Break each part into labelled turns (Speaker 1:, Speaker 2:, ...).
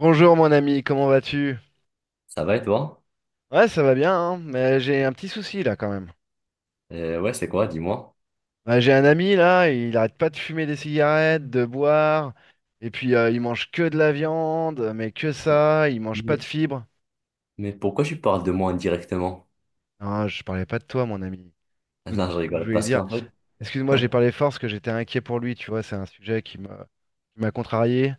Speaker 1: Bonjour mon ami, comment vas-tu?
Speaker 2: Ça va et toi?
Speaker 1: Ouais, ça va bien, hein, mais j'ai un petit souci là quand même.
Speaker 2: Ouais, c'est quoi, dis-moi.
Speaker 1: Ouais, j'ai un ami là, il arrête pas de fumer des cigarettes, de boire, et puis il mange que de la viande, mais que ça, il mange pas de
Speaker 2: Mais,
Speaker 1: fibres.
Speaker 2: mais pourquoi tu parles de moi indirectement?
Speaker 1: Non, je parlais pas de toi mon ami. Tout
Speaker 2: Non,
Speaker 1: tout
Speaker 2: je
Speaker 1: ce que je
Speaker 2: rigole.
Speaker 1: voulais
Speaker 2: Parce
Speaker 1: dire.
Speaker 2: qu'en fait,
Speaker 1: Excuse-moi, j'ai parlé fort parce que j'étais inquiet pour lui, tu vois, c'est un sujet qui m'a contrarié.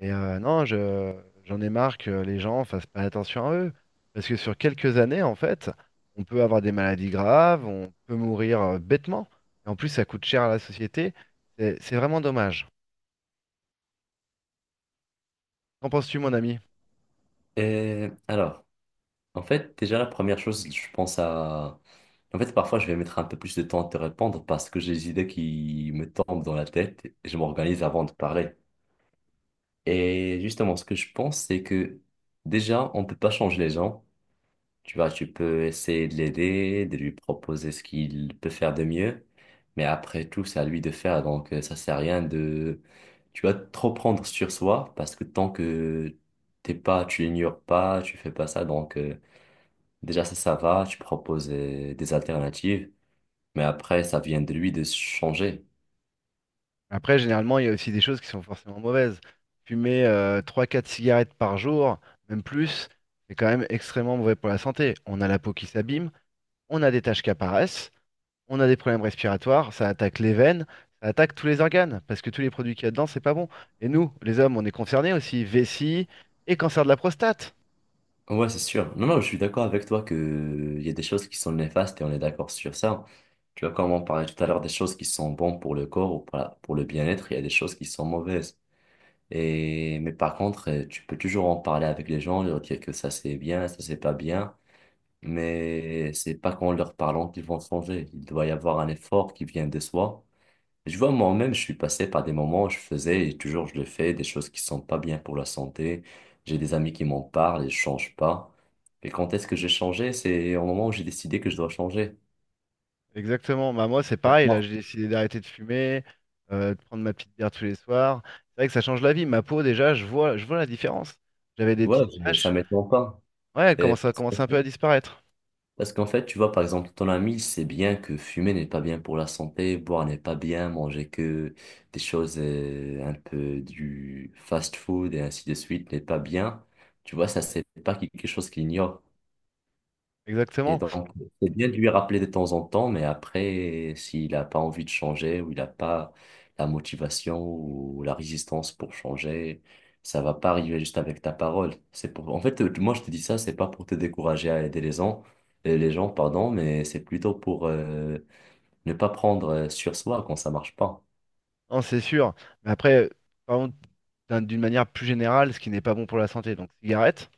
Speaker 1: Et non, j'en ai marre que les gens fassent pas attention à eux. Parce que sur quelques années, en fait, on peut avoir des maladies graves, on peut mourir bêtement. Et en plus, ça coûte cher à la société. C'est vraiment dommage. Qu'en penses-tu, mon ami?
Speaker 2: alors, en fait, déjà, la première chose, je pense à. En fait, parfois, je vais mettre un peu plus de temps à te répondre parce que j'ai des idées qui me tombent dans la tête et je m'organise avant de parler. Et justement, ce que je pense, c'est que déjà, on ne peut pas changer les gens. Tu vois, tu peux essayer de l'aider, de lui proposer ce qu'il peut faire de mieux. Mais après tout, c'est à lui de faire. Donc, ça sert à rien de, tu vas trop prendre sur soi parce que tant que t'es pas, tu l'ignores pas, tu fais pas ça. Donc, déjà, ça va. Tu proposes des alternatives. Mais après, ça vient de lui de changer.
Speaker 1: Après, généralement, il y a aussi des choses qui sont forcément mauvaises. Fumer trois, quatre cigarettes par jour, même plus, c'est quand même extrêmement mauvais pour la santé. On a la peau qui s'abîme, on a des taches qui apparaissent. On a des problèmes respiratoires, ça attaque les veines, ça attaque tous les organes, parce que tous les produits qu'il y a dedans, c'est pas bon. Et nous, les hommes, on est concernés aussi, vessie et cancer de la prostate.
Speaker 2: Ouais, c'est sûr. Non, non, je suis d'accord avec toi que il y a des choses qui sont néfastes et on est d'accord sur ça. Tu vois, comme on parlait tout à l'heure des choses qui sont bonnes pour le corps ou pour pour le bien-être, il y a des choses qui sont mauvaises. Et, mais par contre, tu peux toujours en parler avec les gens, leur dire que ça c'est bien, ça c'est pas bien. Mais c'est pas qu'en leur parlant qu'ils vont changer. Il doit y avoir un effort qui vient de soi. Je vois, moi-même, je suis passé par des moments où je faisais et toujours je le fais, des choses qui sont pas bien pour la santé. J'ai des amis qui m'en parlent et je change pas. Et quand est-ce que j'ai changé? C'est au moment où j'ai décidé que je dois changer.
Speaker 1: Exactement, bah moi c'est pareil, là
Speaker 2: D'accord.
Speaker 1: j'ai décidé d'arrêter de fumer, de prendre ma petite bière tous les soirs. C'est vrai que ça change la vie, ma peau déjà, je vois la différence. J'avais des
Speaker 2: Ouais,
Speaker 1: petites
Speaker 2: ça
Speaker 1: taches,
Speaker 2: m'étonne pas.
Speaker 1: ouais, elle
Speaker 2: Et-
Speaker 1: commence un peu à disparaître.
Speaker 2: Parce qu'en fait, tu vois, par exemple, ton ami, il sait bien que fumer n'est pas bien pour la santé, boire n'est pas bien, manger que des choses un peu du fast-food et ainsi de suite n'est pas bien. Tu vois, ça, c'est pas quelque chose qu'il ignore. Et
Speaker 1: Exactement,
Speaker 2: donc, c'est bien de lui rappeler de temps en temps, mais après, s'il n'a pas envie de changer ou il n'a pas la motivation ou la résistance pour changer, ça va pas arriver juste avec ta parole. En fait, moi, je te dis ça, c'est pas pour te décourager à aider les gens, pardon, mais c'est plutôt pour ne pas prendre sur soi quand ça marche pas.
Speaker 1: non c'est sûr. Mais après, par contre, d'une manière plus générale, ce qui n'est pas bon pour la santé, donc cigarette,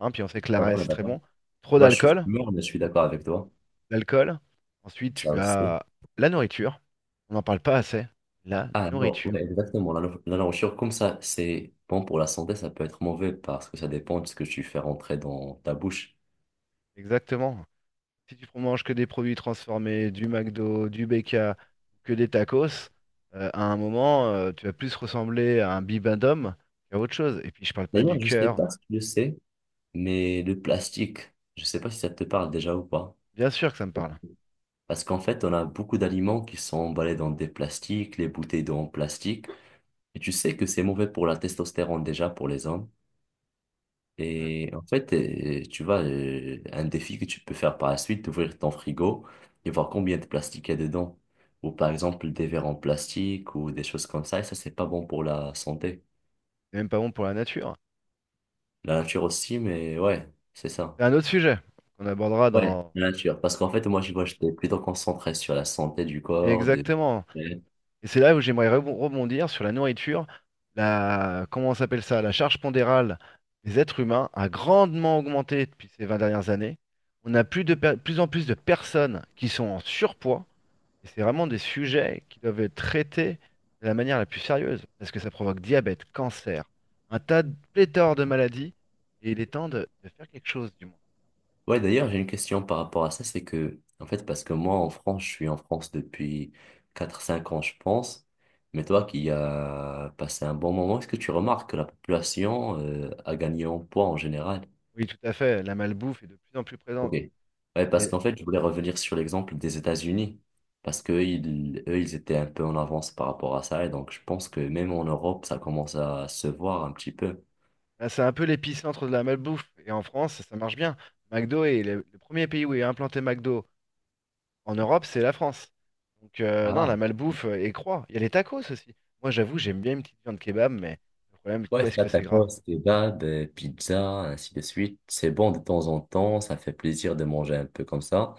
Speaker 1: hein, puis on sait que
Speaker 2: Ah,
Speaker 1: l'arrêt
Speaker 2: on est
Speaker 1: c'est très
Speaker 2: d'accord.
Speaker 1: bon. Trop
Speaker 2: Tu vois, je suis
Speaker 1: d'alcool,
Speaker 2: fumeur, mais je suis d'accord avec toi.
Speaker 1: l'alcool. Ensuite,
Speaker 2: Ça
Speaker 1: tu
Speaker 2: aussi.
Speaker 1: as la nourriture. On n'en parle pas assez. La
Speaker 2: Ah non,
Speaker 1: nourriture.
Speaker 2: ouais, exactement. La, no- la nourriture comme ça, c'est bon pour la santé, ça peut être mauvais parce que ça dépend de ce que tu fais rentrer dans ta bouche.
Speaker 1: Exactement. Si tu manges que des produits transformés, du McDo, du BK, que des tacos, à un moment, tu vas plus ressembler à un bibendum qu'à autre chose. Et puis, je parle pas du
Speaker 2: D'ailleurs, je sais
Speaker 1: cœur.
Speaker 2: pas si tu le sais, mais le plastique, je sais pas si ça te parle déjà ou pas.
Speaker 1: Bien sûr que ça me parle.
Speaker 2: Parce qu'en fait, on a beaucoup d'aliments qui sont emballés dans des plastiques, les bouteilles d'eau en plastique. Et tu sais que c'est mauvais pour la testostérone déjà pour les hommes.
Speaker 1: Hmm.
Speaker 2: Et en fait, tu vois, un défi que tu peux faire par la suite, d'ouvrir ton frigo et voir combien de plastique il y a dedans. Ou par exemple, des verres en plastique ou des choses comme ça. Et ça, c'est pas bon pour la santé.
Speaker 1: C'est même pas bon pour la nature.
Speaker 2: La nature aussi, mais ouais, c'est ça.
Speaker 1: C'est un autre sujet qu'on abordera
Speaker 2: Ouais,
Speaker 1: dans.
Speaker 2: la nature. Parce qu'en fait, moi, tu vois, j'étais plutôt concentré sur la santé du
Speaker 1: Mais
Speaker 2: corps, de...
Speaker 1: exactement. Et c'est là où j'aimerais rebondir sur la nourriture. Comment on s'appelle ça? La charge pondérale des êtres humains a grandement augmenté depuis ces 20 dernières années. On a plus en plus de personnes qui sont en surpoids. Et c'est vraiment des sujets qui doivent être traités de la manière la plus sérieuse, parce que ça provoque diabète, cancer, un tas de pléthore de maladies, et il est temps de faire quelque chose, du moins.
Speaker 2: Ouais, d'ailleurs, j'ai une question par rapport à ça, c'est que, en fait, parce que moi, en France, je suis en France depuis 4 5 ans, je pense, mais toi qui as passé un bon moment, est-ce que tu remarques que la population a gagné en poids en général?
Speaker 1: Oui, tout à fait, la malbouffe est de plus en plus
Speaker 2: Ok.
Speaker 1: présente.
Speaker 2: Ouais, parce
Speaker 1: Et
Speaker 2: qu'en fait, je voulais revenir sur l'exemple des États-Unis, parce qu'eux, ils, eux, ils étaient un peu en avance par rapport à ça, et donc je pense que même en Europe, ça commence à se voir un petit peu.
Speaker 1: bah, c'est un peu l'épicentre de la malbouffe. Et en France, ça marche bien. McDo est le premier pays où est implanté McDo. En Europe, c'est la France. Donc non, la
Speaker 2: Ah.
Speaker 1: malbouffe et croît. Il y a les tacos aussi. Moi, j'avoue, j'aime bien une petite viande kebab, mais le problème,
Speaker 2: Ouais,
Speaker 1: qu'est-ce
Speaker 2: ça
Speaker 1: que c'est gras.
Speaker 2: tacos, kebab, pizza, ainsi de suite. C'est bon de temps en temps, ça fait plaisir de manger un peu comme ça.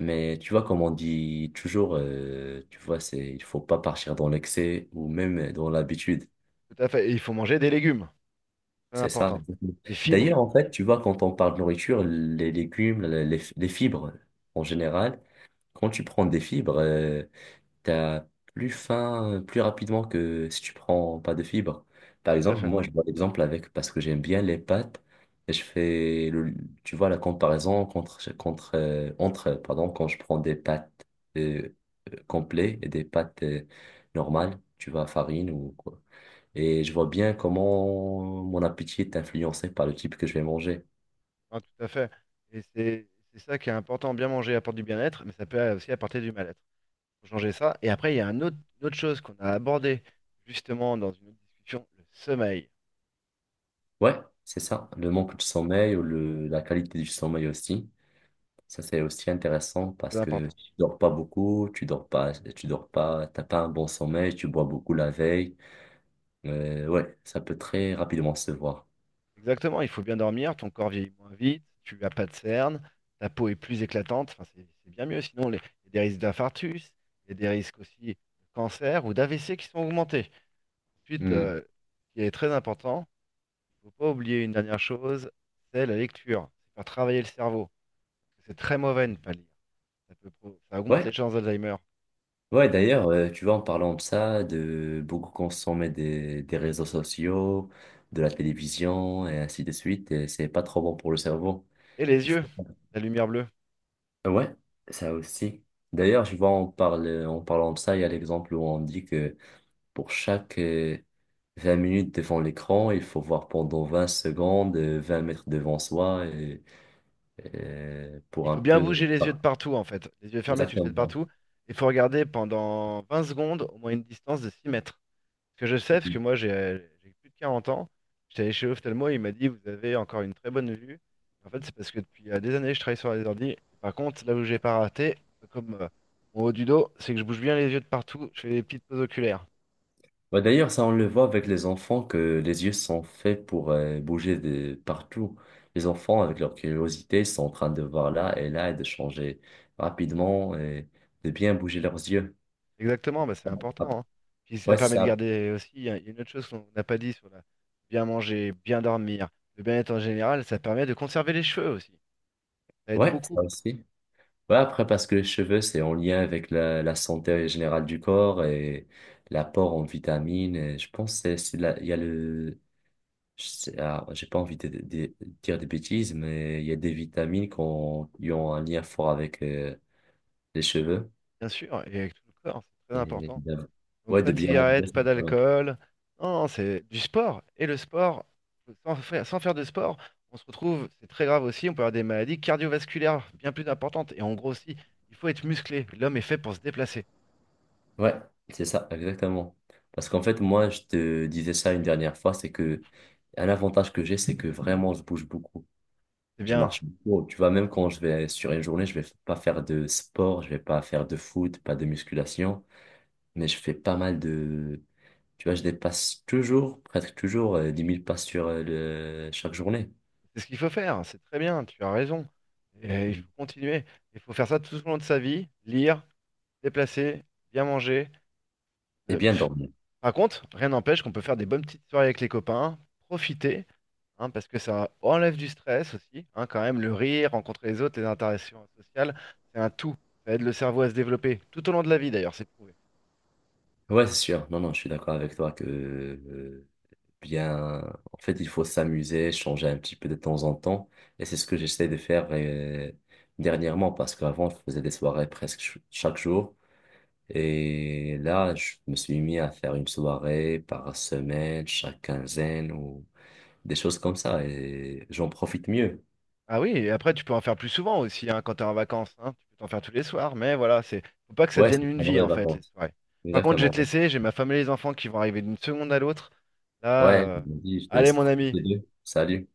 Speaker 2: Mais tu vois, comme on dit toujours, tu vois, c'est, il faut pas partir dans l'excès ou même dans l'habitude.
Speaker 1: Tout à fait. Et il faut manger des légumes. C'est
Speaker 2: C'est ça.
Speaker 1: important.
Speaker 2: Exactement.
Speaker 1: Des fibres.
Speaker 2: D'ailleurs, en fait, tu vois, quand on parle de nourriture, les légumes, les fibres en général, quand tu prends des fibres, t'as plus faim plus rapidement que si tu prends pas de fibres. Par
Speaker 1: Tout à
Speaker 2: exemple,
Speaker 1: fait.
Speaker 2: moi, je vois l'exemple avec, parce que j'aime bien les pâtes, et je fais, le, tu vois, la comparaison entre, pardon, quand je prends des pâtes euh, complets et des pâtes normales, tu vois, farine ou quoi. Et je vois bien comment mon appétit est influencé par le type que je vais manger.
Speaker 1: Enfin, tout à fait. Et c'est ça qui est important. Bien manger apporte du bien-être, mais ça peut aussi apporter du mal-être. Faut changer ça. Et après, il y a une autre chose qu'on a abordée justement dans une autre discussion, le sommeil.
Speaker 2: Ouais, c'est ça, le manque de sommeil ou la qualité du sommeil aussi. Ça, c'est aussi intéressant parce
Speaker 1: C'est
Speaker 2: que
Speaker 1: important.
Speaker 2: tu dors pas beaucoup, tu dors pas, t'as pas un bon sommeil, tu bois beaucoup la veille. Ouais, ça peut très rapidement se voir.
Speaker 1: Exactement, il faut bien dormir, ton corps vieillit moins vite, tu n'as pas de cernes, ta peau est plus éclatante, enfin, c'est bien mieux. Sinon, il y a des risques d'infarctus, il y a des risques aussi de cancer ou d'AVC qui sont augmentés. Ensuite,
Speaker 2: Hmm.
Speaker 1: ce qui est très important, il ne faut pas oublier une dernière chose, c'est la lecture. C'est faire travailler le cerveau. C'est très mauvais de ne pas lire. Ça augmente
Speaker 2: Ouais,
Speaker 1: les chances d'Alzheimer.
Speaker 2: ouais, d'ailleurs, tu vois, en parlant de ça, de beaucoup consommer des réseaux sociaux, de la télévision et ainsi de suite, et c'est pas trop bon pour le cerveau.
Speaker 1: Et les
Speaker 2: Il
Speaker 1: yeux,
Speaker 2: faut...
Speaker 1: la lumière bleue.
Speaker 2: Ouais, ça aussi. D'ailleurs, je vois, on parle, en parlant de ça, il y a l'exemple où on dit que pour chaque 20 minutes devant l'écran, il faut voir pendant 20 secondes, 20 mètres devant soi, et,
Speaker 1: Il
Speaker 2: pour un
Speaker 1: faut bien
Speaker 2: peu...
Speaker 1: bouger les yeux
Speaker 2: Ah,
Speaker 1: de partout, en fait. Les yeux fermés, tu le fais de
Speaker 2: exactement.
Speaker 1: partout. Il faut regarder pendant 20 secondes, au moins une distance de 6 mètres. Ce que je sais, parce que moi j'ai plus de 40 ans, j'étais allé chez l'ophtalmo et il m'a dit vous avez encore une très bonne vue. En fait, c'est parce que depuis des années je travaille sur les ordi. Et par contre, là où j'ai pas raté, comme mon haut du dos, c'est que je bouge bien les yeux de partout, je fais des petites pauses oculaires.
Speaker 2: Bah, d'ailleurs, ça, on le voit avec les enfants, que les yeux sont faits pour bouger de partout. Les enfants, avec leur curiosité, sont en train de voir là et là et de changer rapidement et de bien bouger leurs yeux.
Speaker 1: Exactement, bah, c'est
Speaker 2: Ah,
Speaker 1: important, hein. Puis ça
Speaker 2: ouais,
Speaker 1: permet de
Speaker 2: ça.
Speaker 1: garder aussi, il y a une autre chose qu'on n'a pas dit sur la bien manger, bien dormir, le bien-être en général, ça permet de conserver les cheveux aussi. Ça aide
Speaker 2: Ouais,
Speaker 1: beaucoup,
Speaker 2: ça aussi. Ouais, après, parce que les cheveux, c'est en lien avec la santé générale du corps et l'apport en vitamines. Et je pense que il y a le, je sais- ah, j'ai pas envie de dire des bêtises, mais il y a des vitamines qui ont un lien fort avec les cheveux.
Speaker 1: bien sûr, et avec tout le corps, c'est très
Speaker 2: Et
Speaker 1: important.
Speaker 2: bien-
Speaker 1: Donc
Speaker 2: ouais,
Speaker 1: pas
Speaker 2: de
Speaker 1: de
Speaker 2: bien manger.
Speaker 1: cigarette, pas
Speaker 2: C'est pas mal.
Speaker 1: d'alcool. Non, non, c'est du sport. Et le sport, sans faire de sport, on se retrouve, c'est très grave aussi, on peut avoir des maladies cardiovasculaires bien plus importantes. Et en gros aussi, il faut être musclé. L'homme est fait pour se déplacer.
Speaker 2: Ouais, c'est ça, exactement. Parce qu'en fait, moi, je te disais ça une dernière fois, c'est que un avantage que j'ai, c'est que vraiment, je bouge beaucoup.
Speaker 1: C'est
Speaker 2: Je
Speaker 1: bien.
Speaker 2: marche beaucoup. Tu vois, même quand je vais sur une journée, je vais pas faire de sport, je vais pas faire de foot, pas de musculation, mais je fais pas mal de... Tu vois, je dépasse toujours, presque toujours, 10 000 pas sur le... chaque journée.
Speaker 1: C'est ce qu'il faut faire. C'est très bien. Tu as raison. Et il
Speaker 2: Mm.
Speaker 1: faut continuer. Il faut faire ça tout au long de sa vie. Lire, se déplacer, bien manger.
Speaker 2: Et
Speaker 1: Euh,
Speaker 2: bien
Speaker 1: pff.
Speaker 2: dormir.
Speaker 1: Par contre, rien n'empêche qu'on peut faire des bonnes petites soirées avec les copains, profiter, hein, parce que ça enlève du stress aussi, hein, quand même, le rire, rencontrer les autres, les interactions sociales, c'est un tout. Ça aide le cerveau à se développer, tout au long de la vie d'ailleurs, c'est prouvé.
Speaker 2: Ouais, c'est sûr. Non, non, je suis d'accord avec toi que bien... En fait, il faut s'amuser, changer un petit peu de temps en temps. Et c'est ce que j'essaie de faire dernièrement, parce qu'avant, je faisais des soirées presque chaque jour. Et là, je me suis mis à faire une soirée par semaine, chaque quinzaine ou des choses comme ça. Et j'en profite mieux.
Speaker 1: Ah oui, et après tu peux en faire plus souvent aussi, hein, quand tu es en vacances, hein, tu peux t'en faire tous les soirs, mais voilà, c'est faut pas que ça
Speaker 2: Ouais,
Speaker 1: devienne
Speaker 2: c'est
Speaker 1: une
Speaker 2: pendant
Speaker 1: vie
Speaker 2: les
Speaker 1: en fait, les
Speaker 2: vacances.
Speaker 1: soirées. Par contre, je vais
Speaker 2: Exactement.
Speaker 1: te laisser, j'ai ma femme et les enfants qui vont arriver d'une seconde à l'autre. Là,
Speaker 2: Ouais, je me dis, je te
Speaker 1: allez
Speaker 2: laisse
Speaker 1: mon ami.
Speaker 2: profiter d'eux. Salut.